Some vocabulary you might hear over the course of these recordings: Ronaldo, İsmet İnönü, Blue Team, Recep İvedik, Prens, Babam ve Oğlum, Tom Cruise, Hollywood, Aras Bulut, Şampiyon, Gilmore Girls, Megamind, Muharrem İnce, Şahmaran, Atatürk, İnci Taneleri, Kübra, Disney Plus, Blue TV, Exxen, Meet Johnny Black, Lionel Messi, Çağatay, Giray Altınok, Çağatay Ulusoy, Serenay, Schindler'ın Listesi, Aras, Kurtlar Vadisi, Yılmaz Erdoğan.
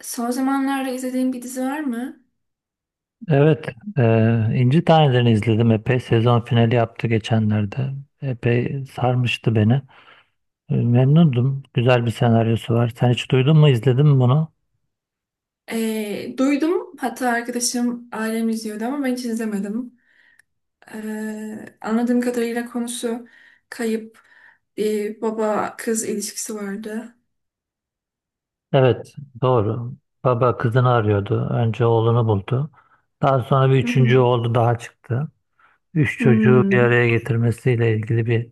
Son zamanlarda izlediğim bir dizi var mı? Evet, e, İnci Taneleri'ni izledim. Epey sezon finali yaptı geçenlerde. Epey sarmıştı beni. Memnundum. Güzel bir senaryosu var. Sen hiç duydun mu, izledin mi bunu? Duydum. Hatta arkadaşım ailem izliyordu ama ben hiç izlemedim. Anladığım kadarıyla konusu kayıp bir baba kız ilişkisi vardı. Evet, doğru. Baba kızını arıyordu. Önce oğlunu buldu. Daha sonra bir Hı hı. üçüncü oğlu daha çıktı. Üç çocuğu bir Hmm, araya getirmesiyle ilgili bir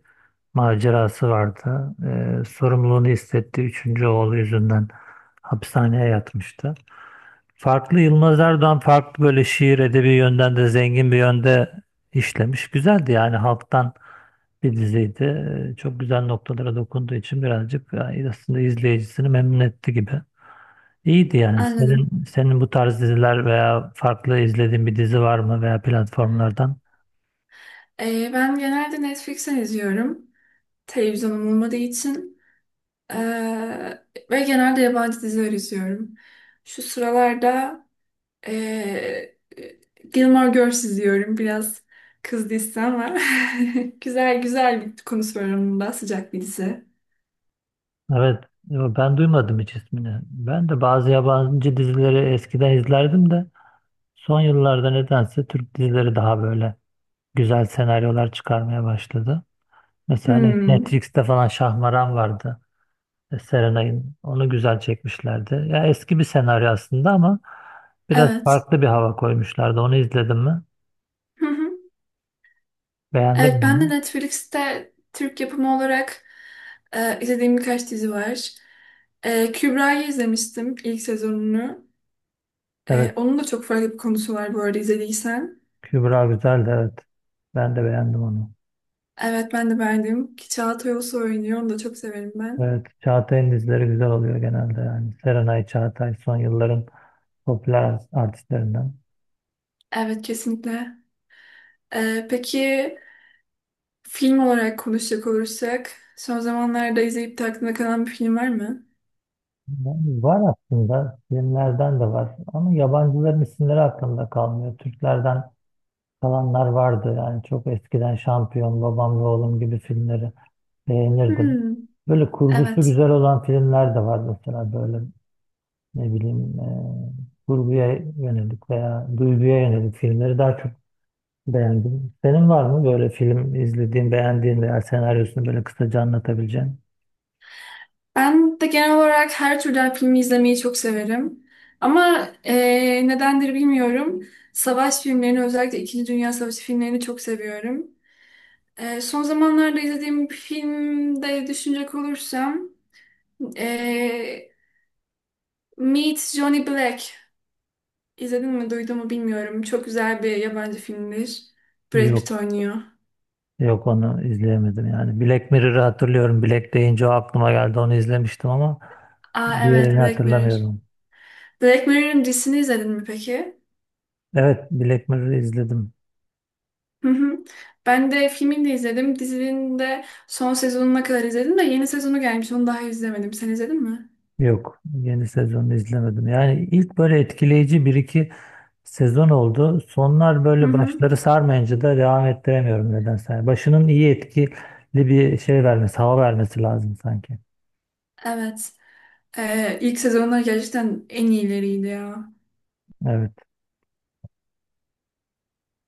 macerası vardı. Sorumluluğunu hissettiği üçüncü oğlu yüzünden hapishaneye yatmıştı. Farklı Yılmaz Erdoğan farklı böyle şiir edebi yönden de zengin bir yönde işlemiş. Güzeldi, yani halktan bir diziydi. Çok güzel noktalara dokunduğu için birazcık, yani aslında izleyicisini memnun etti gibi. İyiydi yani. anladım. Senin bu tarz diziler veya farklı izlediğin bir dizi var mı veya platformlardan? Ben genelde Netflix'ten izliyorum. Televizyonum olmadığı için. Ee, Ve genelde yabancı diziler izliyorum. Şu sıralarda Ee, Gilmore Girls izliyorum. Biraz kız dizisi ama güzel bir konusu var onun da, sıcak bir dizi. Evet, yo, ben duymadım hiç ismini. Ben de bazı yabancı dizileri eskiden izlerdim de son yıllarda nedense Türk dizileri daha böyle güzel senaryolar çıkarmaya başladı. Mesela hani Hmm, Netflix'te falan Şahmaran vardı. Serenay'ın. Onu güzel çekmişlerdi. Ya eski bir senaryo aslında ama biraz evet. farklı bir hava koymuşlardı. Onu izledim mi? Hı hı. Beğendim Evet, mi ben de onu? Netflix'te Türk yapımı olarak izlediğim birkaç dizi var. Kübra'yı izlemiştim, ilk sezonunu. Evet, Onun da çok farklı bir konusu var bu arada, izlediysen. Kübra güzeldi, evet. Ben de beğendim onu. Evet, ben de beğendim. Ki Çağatay Ulusoy oynuyor. Onu da çok severim ben. Evet, Çağatay'ın dizileri güzel oluyor genelde yani. Serenay Çağatay son yılların popüler artistlerinden. Evet, kesinlikle. Peki, film olarak konuşacak olursak, son zamanlarda izleyip de aklında kalan bir film var mı? Yani var aslında, filmlerden de var ama yabancıların isimleri aklımda kalmıyor. Türklerden kalanlar vardı, yani çok eskiden Şampiyon, Babam ve Oğlum gibi filmleri beğenirdim. Hmm, Böyle kurgusu evet. güzel olan filmler de var, mesela böyle ne bileyim kurguya yönelik veya duyguya yönelik filmleri daha çok beğendim. Senin var mı böyle film izlediğin, beğendiğin veya senaryosunu böyle kısaca anlatabileceğin? Ben de genel olarak her türden filmi izlemeyi çok severim. Ama nedendir bilmiyorum. Savaş filmlerini, özellikle İkinci Dünya Savaşı filmlerini çok seviyorum. Son zamanlarda izlediğim bir filmde düşünecek olursam, eee Meet Johnny Black. İzledin mi, duydun mu bilmiyorum. Çok güzel bir yabancı filmdir. Brad Pitt Yok, oynuyor. yok onu izleyemedim yani. Black Mirror'ı hatırlıyorum. Black deyince o aklıma geldi. Onu izlemiştim ama Aa evet, diğerini Black Mirror. hatırlamıyorum. Black Mirror'ın dizisini izledin mi peki? Evet, Black Mirror'ı izledim. Hı hı. Ben de filmini de izledim. Dizinin de son sezonuna kadar izledim de yeni sezonu gelmiş. Onu daha izlemedim. Sen izledin mi? Yok, yeni sezonu izlemedim. Yani ilk böyle etkileyici bir iki sezon oldu. Sonlar Hı böyle hı. başları sarmayınca da devam ettiremiyorum nedense. Yani başının iyi etkili bir şey vermesi, hava vermesi lazım sanki. Evet. İlk sezonlar gerçekten en iyileriydi ya. Evet.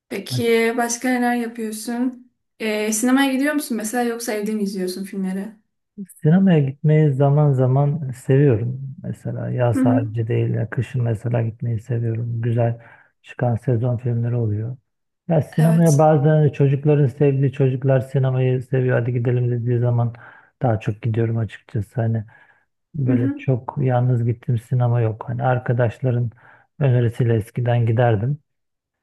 Peki başka neler yapıyorsun? Sinemaya gidiyor musun mesela, yoksa evde mi izliyorsun filmleri? Sinemaya gitmeyi zaman zaman seviyorum. Mesela Hı yaz hı. harici değil, ya kışın mesela gitmeyi seviyorum. Güzel çıkan sezon filmleri oluyor. Ya sinemaya Evet. bazen çocukların sevdiği, çocuklar sinemayı seviyor, hadi gidelim dediği zaman daha çok gidiyorum açıkçası. Hani Hı böyle hı. çok yalnız gittiğim sinema yok. Hani arkadaşların önerisiyle eskiden giderdim.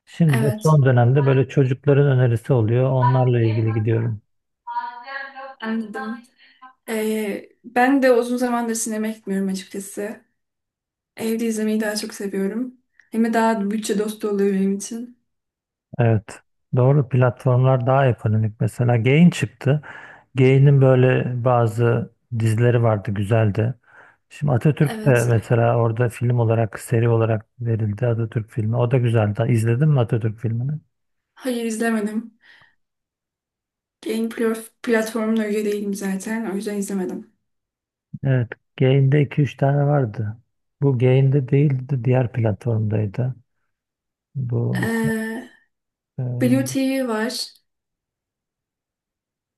Şimdi de Evet. son dönemde böyle çocukların önerisi oluyor. Onlarla ilgili gidiyorum. Anladım. Ben de uzun zamandır sinemaya gitmiyorum açıkçası. Evde izlemeyi daha çok seviyorum. Hem de daha bütçe dostu oluyor benim için. Evet. Doğru, platformlar daha ekonomik. Mesela Gain çıktı. Gain'in böyle bazı dizileri vardı, güzeldi. Şimdi Atatürk de Evet. mesela orada film olarak, seri olarak verildi Atatürk filmi. O da güzeldi. İzledin mi Atatürk filmini? Hayır, izlemedim. Platformuna üye değilim zaten. O yüzden izlemedim. Evet. Gain'de iki üç tane vardı. Bu Gain'de değildi. Diğer platformdaydı. Bu Ee, e, Blue TV var.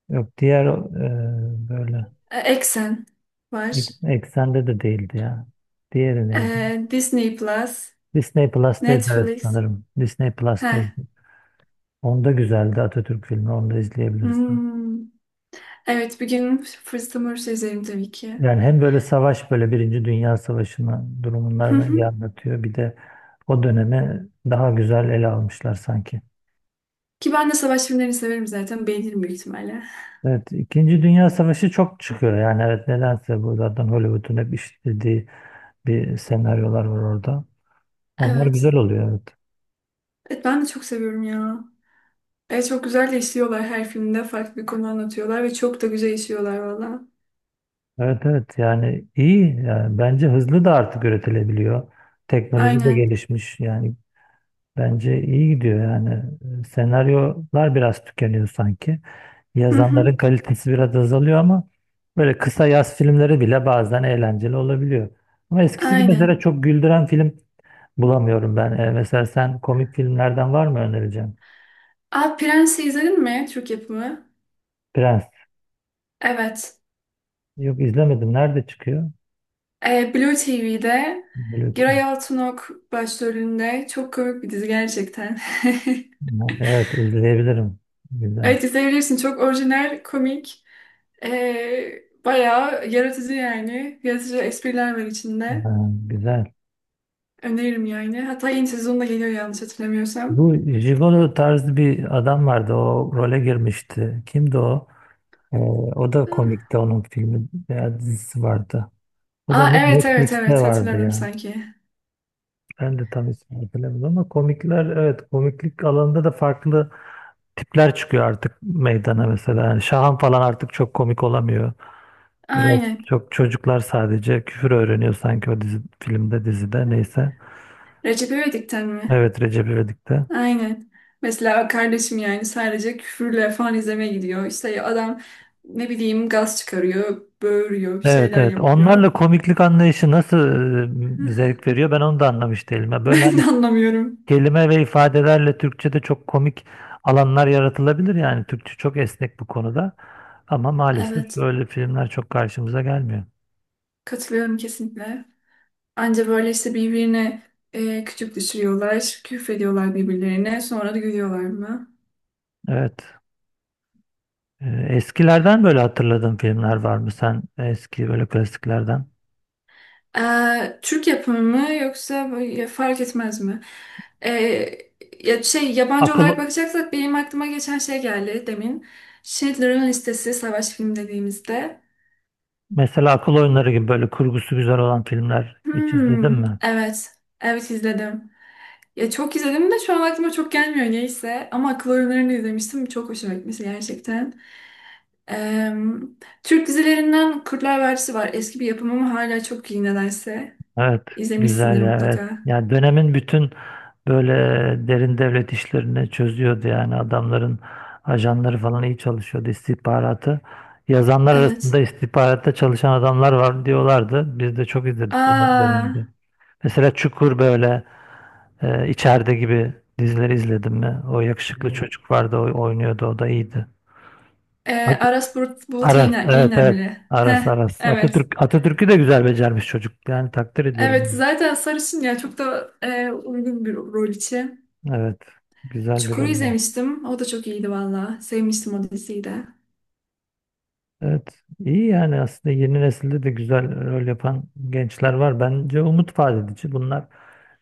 yok diğer böyle Exxen var. Eksende de değildi ya. Diğeri neydi? Disney Plus. Disney Plus'taydı, evet Netflix. sanırım. Disney Heh. Plus'taydı. Onda güzeldi Atatürk filmi. Onu da izleyebilirsin. Hmm. Evet, bir gün fırsatım olursa izlerim tabii ki. Yani hem böyle savaş, böyle Birinci Dünya Savaşı'na Hı durumlarını iyi hı. anlatıyor. Bir de o dönemi daha güzel ele almışlar sanki. Ki ben de savaş filmlerini severim zaten. Beğenirim büyük ihtimalle. Evet, İkinci Dünya Savaşı çok çıkıyor. Yani evet, nedense bu zaten Hollywood'un hep işlediği bir senaryolar var orada. Onlar Evet. güzel oluyor, evet. Evet, ben de çok seviyorum ya. Evet, çok güzel de işliyorlar her filmde. Farklı bir konu anlatıyorlar ve çok da güzel işliyorlar valla. Evet evet, yani iyi, yani bence hızlı da artık üretilebiliyor. Teknoloji de Aynen. gelişmiş yani. Bence iyi gidiyor yani. Senaryolar biraz tükeniyor sanki. Hı hı. Yazanların kalitesi biraz azalıyor ama böyle kısa yaz filmleri bile bazen eğlenceli olabiliyor. Ama eskisi gibi mesela Aynen. çok güldüren film bulamıyorum ben. Mesela sen komik filmlerden var mı önereceğim? Aa, Prens'i izledin mi? Türk yapımı. Prens. Evet. Yok, izlemedim. Nerede çıkıyor? Blue TV'de Blue Giray Team. Altınok başrolünde. Çok komik bir dizi gerçekten. Evet, izleyebilirim. Güzel. Evet, izleyebilirsin. Çok orijinal, komik. Bayağı yaratıcı yani. Yaratıcı espriler var Ha, içinde. güzel. Öneririm yani. Hatta yeni sezonda geliyor, yanlış hatırlamıyorsam. Bu Gigolo tarzı bir adam vardı. O role girmişti. Kimdi o? Ee, O da komikti, onun filmi veya dizisi vardı. O da Aa evet evet Netflix'te evet, vardı hatırladım ya. sanki. Ben de tam ismini hatırlamıyorum ama komikler, evet komiklik alanında da farklı tipler çıkıyor artık meydana mesela. Yani Şahan falan artık çok komik olamıyor. Biraz Aynen. çok, çocuklar sadece küfür öğreniyor sanki o dizi, filmde, dizide neyse. Recep İvedik'ten mi? Evet, Recep İvedik'te. Aynen. Mesela kardeşim yani sadece küfürle falan izlemeye gidiyor. İşte adam, ne bileyim, gaz çıkarıyor, böğürüyor, bir Evet şeyler evet, yapıyor. onlarla komiklik anlayışı nasıl zevk veriyor, ben onu da anlamış değilim. Ya böyle Ben hani de anlamıyorum. kelime ve ifadelerle Türkçe'de çok komik alanlar yaratılabilir yani. Türkçe çok esnek bu konuda. Ama maalesef Evet, böyle filmler çok karşımıza gelmiyor. katılıyorum kesinlikle. Anca böyle işte birbirine küçük düşürüyorlar, küfrediyorlar birbirlerine, sonra da gülüyorlar mı? Evet. Eskilerden böyle hatırladığın filmler var mı sen? Eski böyle klasiklerden. Türk yapımı mı, yoksa böyle fark etmez mi? Ee, Ya şey, yabancı olarak Akıl, bakacaksak benim aklıma geçen şey geldi demin. Schindler'ın Listesi, savaş filmi dediğimizde. Mesela akıl oyunları gibi böyle kurgusu güzel olan filmler hiç izledin Hmm, mi? evet. Evet, izledim. Ya çok izledim de şu an aklıma çok gelmiyor, neyse. Ama akıl oyunlarını izlemiştim. Çok hoşuma gitmişti gerçekten. Ee, Türk dizilerinden Kurtlar Vadisi var. Eski bir yapım ama hala çok iyi nedense. Evet, güzel İzlemişsindir ya, evet. mutlaka. Yani dönemin bütün böyle derin devlet işlerini çözüyordu, yani adamların ajanları falan iyi çalışıyordu, istihbaratı. Yazanlar arasında Evet. istihbaratta çalışan adamlar var diyorlardı. Biz de çok izledik Aa. dönemde. Mesela Çukur, böyle içeride gibi dizileri izledim mi? O yakışıklı çocuk vardı, o oynuyordu, o da iyiydi. Ee, At- Aras Bulut, Bulut Aras, İğne, evet evet. İğnemli. Heh, Aras. evet. Atatürk'ü de güzel becermiş çocuk. Yani takdir Evet, ediyorum. zaten sarışın ya, çok da uygun bir rol için. Evet. Güzel bir Çukur'u rol var. izlemiştim. O da çok iyiydi valla. Sevmiştim o diziyi de. Evet, iyi yani aslında yeni nesilde de güzel rol yapan gençler var. Bence umut vaat edici. Bunlar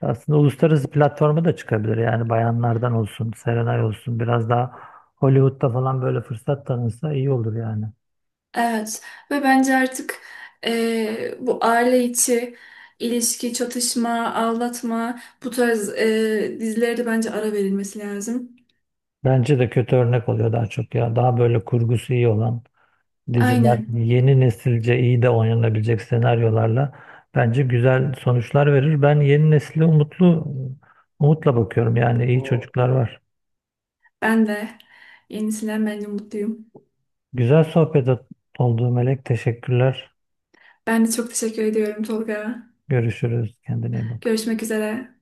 aslında uluslararası platforma da çıkabilir. Yani bayanlardan olsun, Serenay olsun biraz daha Hollywood'da falan böyle fırsat tanınsa iyi olur yani. Evet, ve bence artık bu aile içi ilişki, çatışma, aldatma, bu tarz dizilere de bence ara verilmesi lazım. Bence de kötü örnek oluyor daha çok ya. Daha böyle kurgusu iyi olan diziler, Aynen. yeni nesilce iyi de oynanabilecek senaryolarla bence güzel sonuçlar verir. Ben yeni nesile umutla bakıyorum. Yani iyi çocuklar var. Ben de. Yenisinden bence mutluyum. Güzel sohbet oldu Melek. Teşekkürler. Ben de çok teşekkür ediyorum Tolga. Görüşürüz. Kendine iyi bak. Görüşmek üzere.